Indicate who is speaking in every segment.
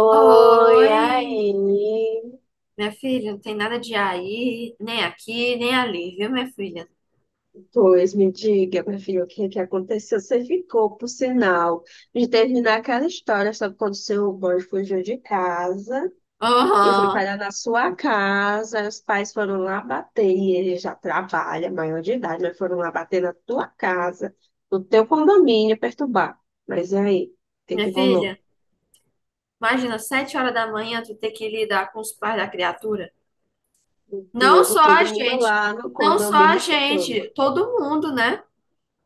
Speaker 1: Oi,
Speaker 2: Oi,
Speaker 1: aí.
Speaker 2: minha filha, não tem nada de aí, nem aqui, nem ali, viu, minha filha?
Speaker 1: Pois me diga, meu filho, o que é que aconteceu? Você ficou, por sinal, de terminar aquela história sobre quando seu boy fugiu de casa e foi
Speaker 2: Aham.
Speaker 1: parar na sua casa. Aí os pais foram lá bater, e ele já trabalha, maior de idade, mas foram lá bater na tua casa, no teu condomínio, perturbar. Mas e aí? O que é
Speaker 2: Minha
Speaker 1: que rolou?
Speaker 2: filha, imagina, 7 horas da manhã tu ter que lidar com os pais da criatura.
Speaker 1: Meu
Speaker 2: Não
Speaker 1: Deus,
Speaker 2: só a
Speaker 1: todo mundo
Speaker 2: gente,
Speaker 1: lá no
Speaker 2: não só a
Speaker 1: condomínio escutando.
Speaker 2: gente, todo mundo, né?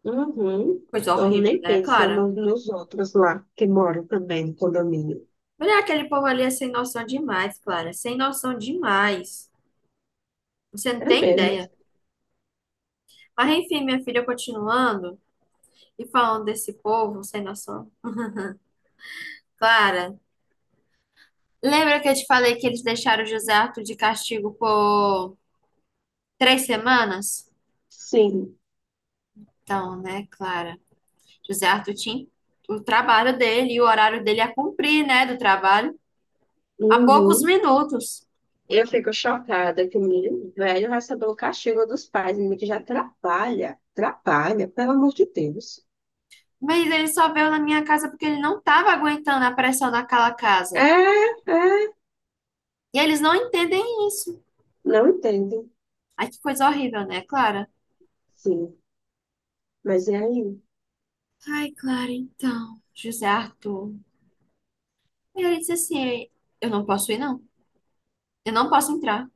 Speaker 1: Uhum.
Speaker 2: Coisa
Speaker 1: Então,
Speaker 2: horrível,
Speaker 1: nem
Speaker 2: né,
Speaker 1: pensa
Speaker 2: Clara?
Speaker 1: nos outros lá que moram também no condomínio.
Speaker 2: Olha, aquele povo ali é sem noção demais, Clara, sem noção demais. Você não
Speaker 1: É
Speaker 2: tem
Speaker 1: mesmo.
Speaker 2: ideia. Mas enfim, minha filha, continuando e falando desse povo sem noção. Clara. Lembra que eu te falei que eles deixaram o José Arthur de castigo por 3 semanas?
Speaker 1: Sim.
Speaker 2: Então, né, Clara? José Arthur tinha o trabalho dele e o horário dele a cumprir, né, do trabalho, há poucos
Speaker 1: Uhum.
Speaker 2: minutos.
Speaker 1: Eu fico chocada que o menino velho recebeu o castigo dos pais, menino que já trabalha, trabalha, pelo amor de Deus.
Speaker 2: Mas ele só veio na minha casa porque ele não estava aguentando a pressão daquela casa.
Speaker 1: É, é,
Speaker 2: E eles não entendem isso.
Speaker 1: não entendo.
Speaker 2: Ai, que coisa horrível, né, Clara?
Speaker 1: Sim, mas e aí?
Speaker 2: Ai, Clara, então, José Arthur. Ele disse assim: eu não posso ir, não. Eu não posso entrar.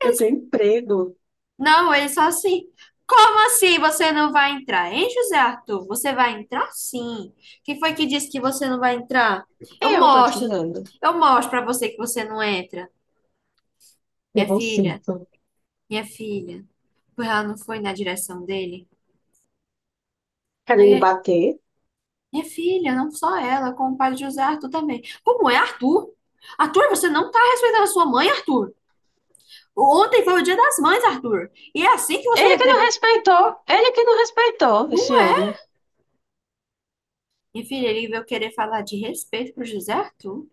Speaker 1: Eu
Speaker 2: Ele...
Speaker 1: tenho emprego.
Speaker 2: Não, ele só assim. Como assim você não vai entrar, hein, José Arthur? Você vai entrar sim. Quem foi que disse que você não vai entrar? Eu
Speaker 1: Eu tô
Speaker 2: mostro.
Speaker 1: dizendo.
Speaker 2: Eu mostro pra você que você não entra. Minha
Speaker 1: Pegou o
Speaker 2: filha,
Speaker 1: cinto.
Speaker 2: minha filha. Porque ela não foi na direção dele.
Speaker 1: Querendo
Speaker 2: Aí,
Speaker 1: bater?
Speaker 2: minha filha, não só ela, como o pai de José Arthur também. Como é, Arthur? Arthur, você não tá respeitando a sua mãe, Arthur. Ontem foi o dia das mães, Arthur. E é assim que você
Speaker 1: Ele que não
Speaker 2: retribui.
Speaker 1: respeitou, ele que não respeitou
Speaker 2: Não
Speaker 1: esse
Speaker 2: é.
Speaker 1: homem.
Speaker 2: Minha filha, ele veio querer falar de respeito pro José Arthur.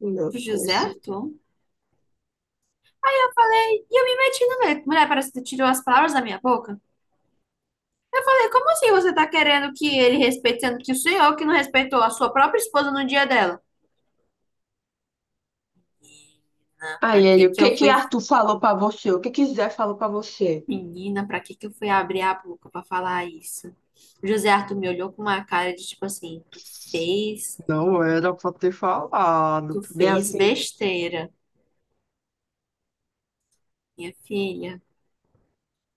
Speaker 1: Meu
Speaker 2: José
Speaker 1: Deus.
Speaker 2: Arthur? Eu falei, e eu me meti no meio. Mulher, parece que tu tirou as palavras da minha boca. Eu falei, como assim você tá querendo que ele respeite, sendo que o senhor que não respeitou a sua própria esposa no dia dela? Menina, pra
Speaker 1: Aí ele,
Speaker 2: que
Speaker 1: o
Speaker 2: que
Speaker 1: que
Speaker 2: eu
Speaker 1: que
Speaker 2: fui...
Speaker 1: Arthur falou pra você? O que que Zé falou pra você?
Speaker 2: Menina, pra que que eu fui abrir a boca pra falar isso? O José Arthur me olhou com uma cara de tipo assim, fez,
Speaker 1: Não era pra ter falado.
Speaker 2: tu
Speaker 1: Bem
Speaker 2: fez
Speaker 1: assim.
Speaker 2: besteira, minha filha.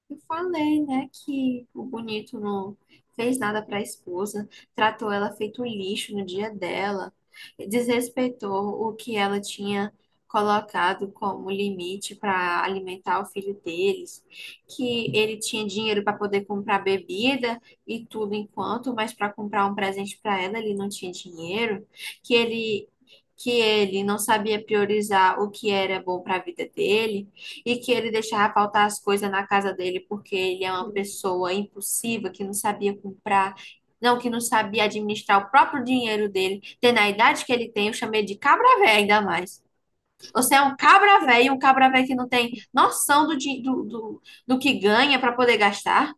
Speaker 2: Eu falei, né, que o bonito não fez nada para a esposa, tratou ela feito um lixo no dia dela, desrespeitou o que ela tinha colocado como limite para alimentar o filho deles, que ele tinha dinheiro para poder comprar bebida e tudo enquanto, mas para comprar um presente para ela ele não tinha dinheiro, que ele que ele não sabia priorizar o que era bom para a vida dele e que ele deixava faltar as coisas na casa dele porque ele é uma pessoa impulsiva que não sabia comprar, não, que não sabia administrar o próprio dinheiro dele. Tendo a idade que ele tem, eu chamei de cabra véia ainda mais. Você é um cabra véia que não tem noção do, do que ganha para poder gastar.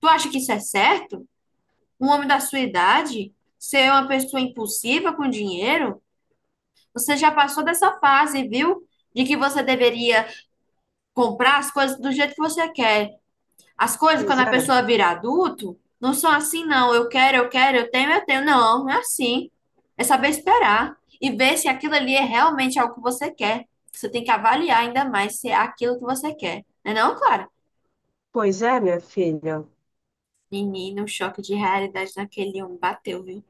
Speaker 2: Tu acha que isso é certo? Um homem da sua idade ser uma pessoa impulsiva com dinheiro? Você já passou dessa fase, viu? De que você deveria comprar as coisas do jeito que você quer. As coisas,
Speaker 1: Pois
Speaker 2: quando a
Speaker 1: é,
Speaker 2: pessoa vira adulto, não são assim, não. Eu quero, eu quero, eu tenho, eu tenho. Não, não é assim. É saber esperar e ver se aquilo ali é realmente algo que você quer. Você tem que avaliar ainda mais se é aquilo que você quer. Não é não, Clara?
Speaker 1: pois é, minha filha.
Speaker 2: Menina, um choque de realidade naquele homem bateu, viu?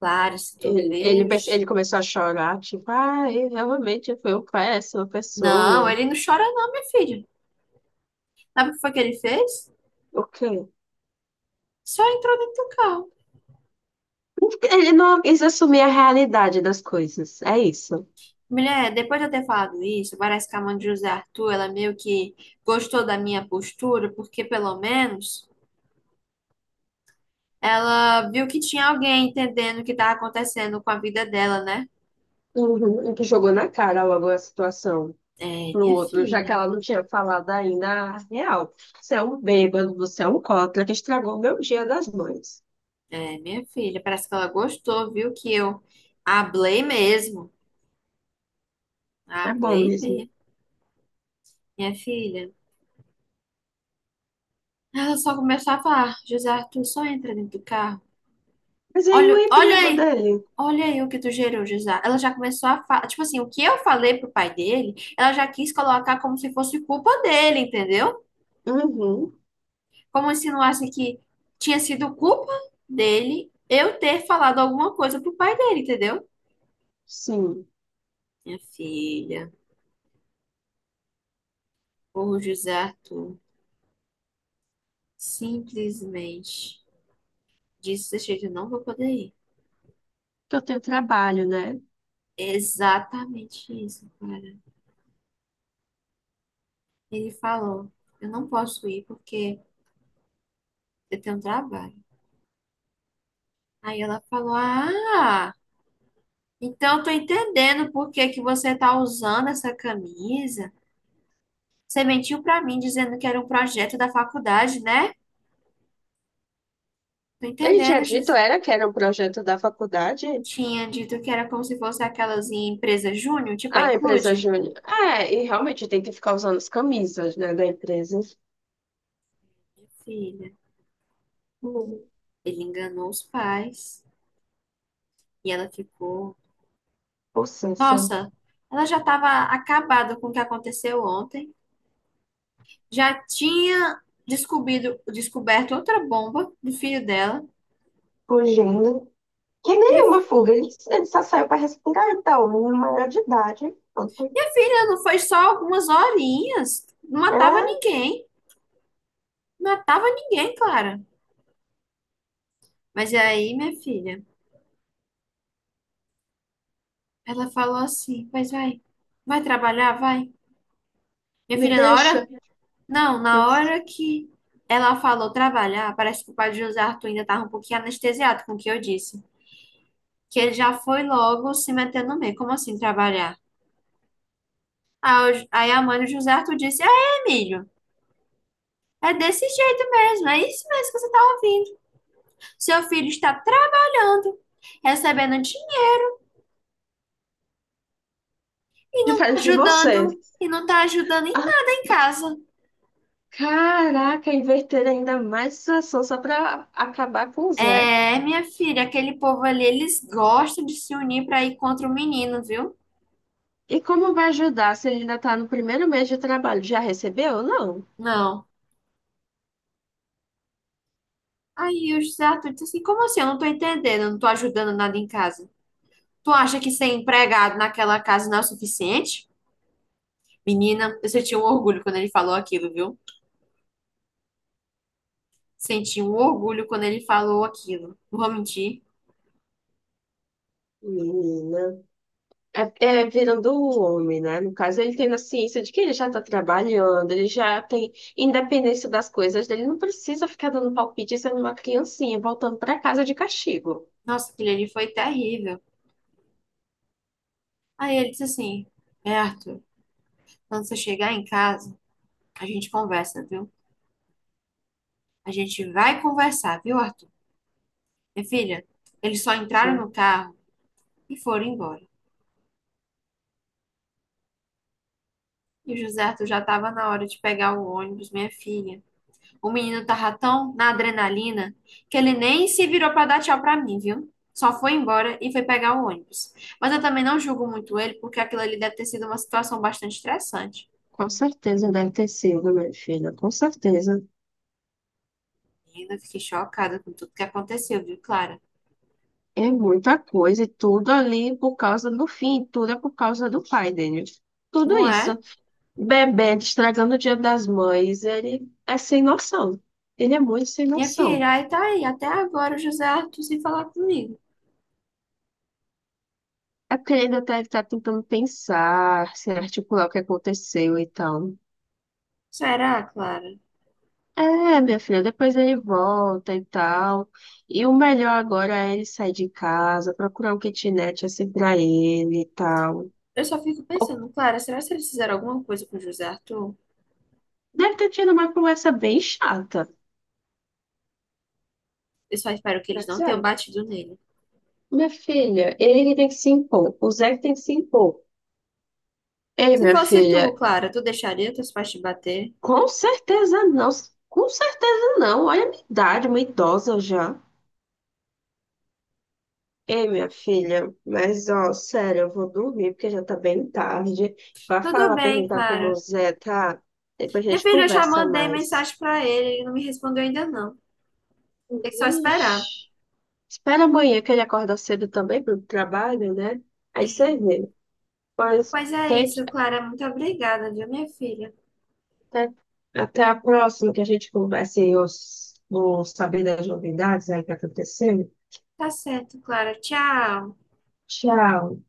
Speaker 2: Clara, se tu vê...
Speaker 1: Ele
Speaker 2: os...
Speaker 1: começou a chorar, tipo, ah, ele realmente foi uma péssima
Speaker 2: Não,
Speaker 1: pessoa.
Speaker 2: ele não chora não, minha filha. Sabe o que foi que ele fez?
Speaker 1: O quê?
Speaker 2: Só entrou dentro do carro.
Speaker 1: Ele não quis assumir a realidade das coisas, é isso.
Speaker 2: Mulher, depois de eu ter falado isso, parece que a mãe de José Arthur, ela meio que gostou da minha postura, porque pelo menos ela viu que tinha alguém entendendo o que estava acontecendo com a vida dela, né?
Speaker 1: Uhum, ele que jogou na cara logo a situação.
Speaker 2: É,
Speaker 1: No
Speaker 2: minha
Speaker 1: outro, já que
Speaker 2: filha.
Speaker 1: ela não tinha falado ainda a real. Você é um bêbado, você é um cópia que estragou meu dia das mães.
Speaker 2: É, minha filha. Parece que ela gostou, viu que eu hablei mesmo.
Speaker 1: É bom
Speaker 2: Hablei
Speaker 1: mesmo.
Speaker 2: mesmo. Minha filha. Ela só começou a falar, "Ah, José Arthur, só entra dentro do carro."
Speaker 1: Mas aí o
Speaker 2: Olha, olha
Speaker 1: emprego
Speaker 2: aí.
Speaker 1: dele?
Speaker 2: Olha aí o que tu gerou, José. Ela já começou a falar. Tipo assim, o que eu falei pro pai dele, ela já quis colocar como se fosse culpa dele, entendeu?
Speaker 1: Uhum,
Speaker 2: Como se não insinuasse que tinha sido culpa dele eu ter falado alguma coisa pro pai dele, entendeu?
Speaker 1: sim.
Speaker 2: Minha filha, o José Arthur simplesmente disse desse jeito, eu não vou poder ir.
Speaker 1: Que eu tenho trabalho, né?
Speaker 2: É exatamente isso, cara. Ele falou, eu não posso ir porque eu tenho trabalho. Aí ela falou, ah. Então, eu tô entendendo por que que você tá usando essa camisa. Você mentiu pra mim dizendo que era um projeto da faculdade, né? Tô
Speaker 1: Ele tinha
Speaker 2: entendendo,
Speaker 1: dito,
Speaker 2: Jus.
Speaker 1: era que era um projeto da faculdade?
Speaker 2: Tinha dito que era como se fosse aquelas em empresa júnior, tipo a
Speaker 1: Ah, empresa
Speaker 2: Include.
Speaker 1: júnior. É, e realmente tem que ficar usando as camisas, né, da empresa.
Speaker 2: Minha filha,
Speaker 1: Hum,
Speaker 2: ele enganou os pais e ela ficou.
Speaker 1: possessa,
Speaker 2: Nossa, ela já estava acabada com o que aconteceu ontem. Já tinha descoberto outra bomba do filho dela.
Speaker 1: fugindo. Que
Speaker 2: Minha
Speaker 1: nenhuma fuga, ele só saiu para respirar, então, menino maior de idade. Pronto.
Speaker 2: Minha filha, não foi só algumas horinhas. Não
Speaker 1: É,
Speaker 2: matava ninguém. Não matava ninguém, Clara. Mas aí, minha filha, ela falou assim: pois vai, vai trabalhar, vai. Minha
Speaker 1: me
Speaker 2: filha, na
Speaker 1: deixa
Speaker 2: hora. Não, na hora que ela falou trabalhar, parece que o pai de José Arthur ainda estava um pouquinho anestesiado com o que eu disse. Que ele já foi logo se metendo no meio. Como assim trabalhar? Aí a mãe do José Arthur disse: é, Emílio, é desse jeito mesmo. É isso mesmo que você tá ouvindo. Seu filho está trabalhando, recebendo dinheiro,
Speaker 1: diferente de você.
Speaker 2: ajudando e não está ajudando em
Speaker 1: Ah,
Speaker 2: nada em casa.
Speaker 1: caraca, inverter ainda mais a situação só para acabar com o Zé.
Speaker 2: É, minha filha, aquele povo ali, eles gostam de se unir para ir contra o menino, viu?
Speaker 1: E como vai ajudar se ele ainda está no primeiro mês de trabalho? Já recebeu ou não?
Speaker 2: Não. Aí o José Arthur disse assim: como assim? Eu não tô entendendo, eu não tô ajudando nada em casa. Tu acha que ser empregado naquela casa não é o suficiente? Menina, eu senti um orgulho quando ele falou aquilo, viu? Senti um orgulho quando ele falou aquilo. Não vou mentir.
Speaker 1: Menina. É, é virando o homem, né? No caso, ele tem a ciência de que ele já está trabalhando, ele já tem independência das coisas dele, não precisa ficar dando palpite sendo uma criancinha, voltando para casa de castigo.
Speaker 2: Nossa, aquilo ali foi terrível. Aí ele disse assim: é, Arthur, quando você chegar em casa, a gente conversa, viu? A gente vai conversar, viu, Arthur? Minha filha, eles só entraram
Speaker 1: Sim.
Speaker 2: no carro e foram embora. E o José Arthur já estava na hora de pegar o ônibus, minha filha. O menino tava tão na adrenalina que ele nem se virou para dar tchau para mim, viu? Só foi embora e foi pegar o ônibus. Mas eu também não julgo muito ele, porque aquilo ali deve ter sido uma situação bastante estressante.
Speaker 1: Com certeza deve ter sido, minha filha, com certeza.
Speaker 2: E ainda fiquei chocada com tudo que aconteceu, viu, Clara?
Speaker 1: É muita coisa, e tudo ali por causa do fim, tudo é por causa do pai dele. Tudo
Speaker 2: Não
Speaker 1: isso.
Speaker 2: é?
Speaker 1: Bebê estragando o Dia das Mães, ele é sem noção. Ele é muito sem
Speaker 2: Minha
Speaker 1: noção.
Speaker 2: filha, aí tá aí, até agora o José Arthur sem falar comigo.
Speaker 1: É porque ele ainda tá, ele tá tentando pensar, se articular o que aconteceu e tal.
Speaker 2: Será, Clara?
Speaker 1: É, minha filha, depois ele volta e tal. E o melhor agora é ele sair de casa, procurar um kitnet assim pra ele e tal.
Speaker 2: Eu só fico
Speaker 1: Ou-
Speaker 2: pensando, Clara, será que eles fizeram alguma coisa com o José Arthur?
Speaker 1: deve ter tido uma conversa bem chata.
Speaker 2: Eu só espero que eles não tenham batido nele.
Speaker 1: Minha filha, ele que tem que se impor. O Zé que tem que se impor. Ei,
Speaker 2: Se
Speaker 1: minha
Speaker 2: fosse tu,
Speaker 1: filha,
Speaker 2: Clara, tu deixaria teus pais te bater?
Speaker 1: com certeza não. Com certeza não. Olha a minha idade, uma idosa já. Ei, minha filha, mas ó, sério, eu vou dormir porque já tá bem tarde. Vai
Speaker 2: Tudo
Speaker 1: falar,
Speaker 2: bem,
Speaker 1: perguntar como o
Speaker 2: Clara.
Speaker 1: Zé tá. Depois a
Speaker 2: Minha
Speaker 1: gente
Speaker 2: filha, eu já
Speaker 1: conversa
Speaker 2: mandei
Speaker 1: mais.
Speaker 2: mensagem pra ele, ele não me respondeu ainda não. Tem que só esperar.
Speaker 1: Ixi. Espera amanhã que ele acorda cedo também pro trabalho, né? Aí você vê. Pois,
Speaker 2: Pois é
Speaker 1: tente
Speaker 2: isso, Clara. Muito obrigada, viu, minha filha?
Speaker 1: até, até a próxima que a gente converse e eu vou saber das novidades aí que aconteceu.
Speaker 2: Tá certo, Clara. Tchau.
Speaker 1: Tchau.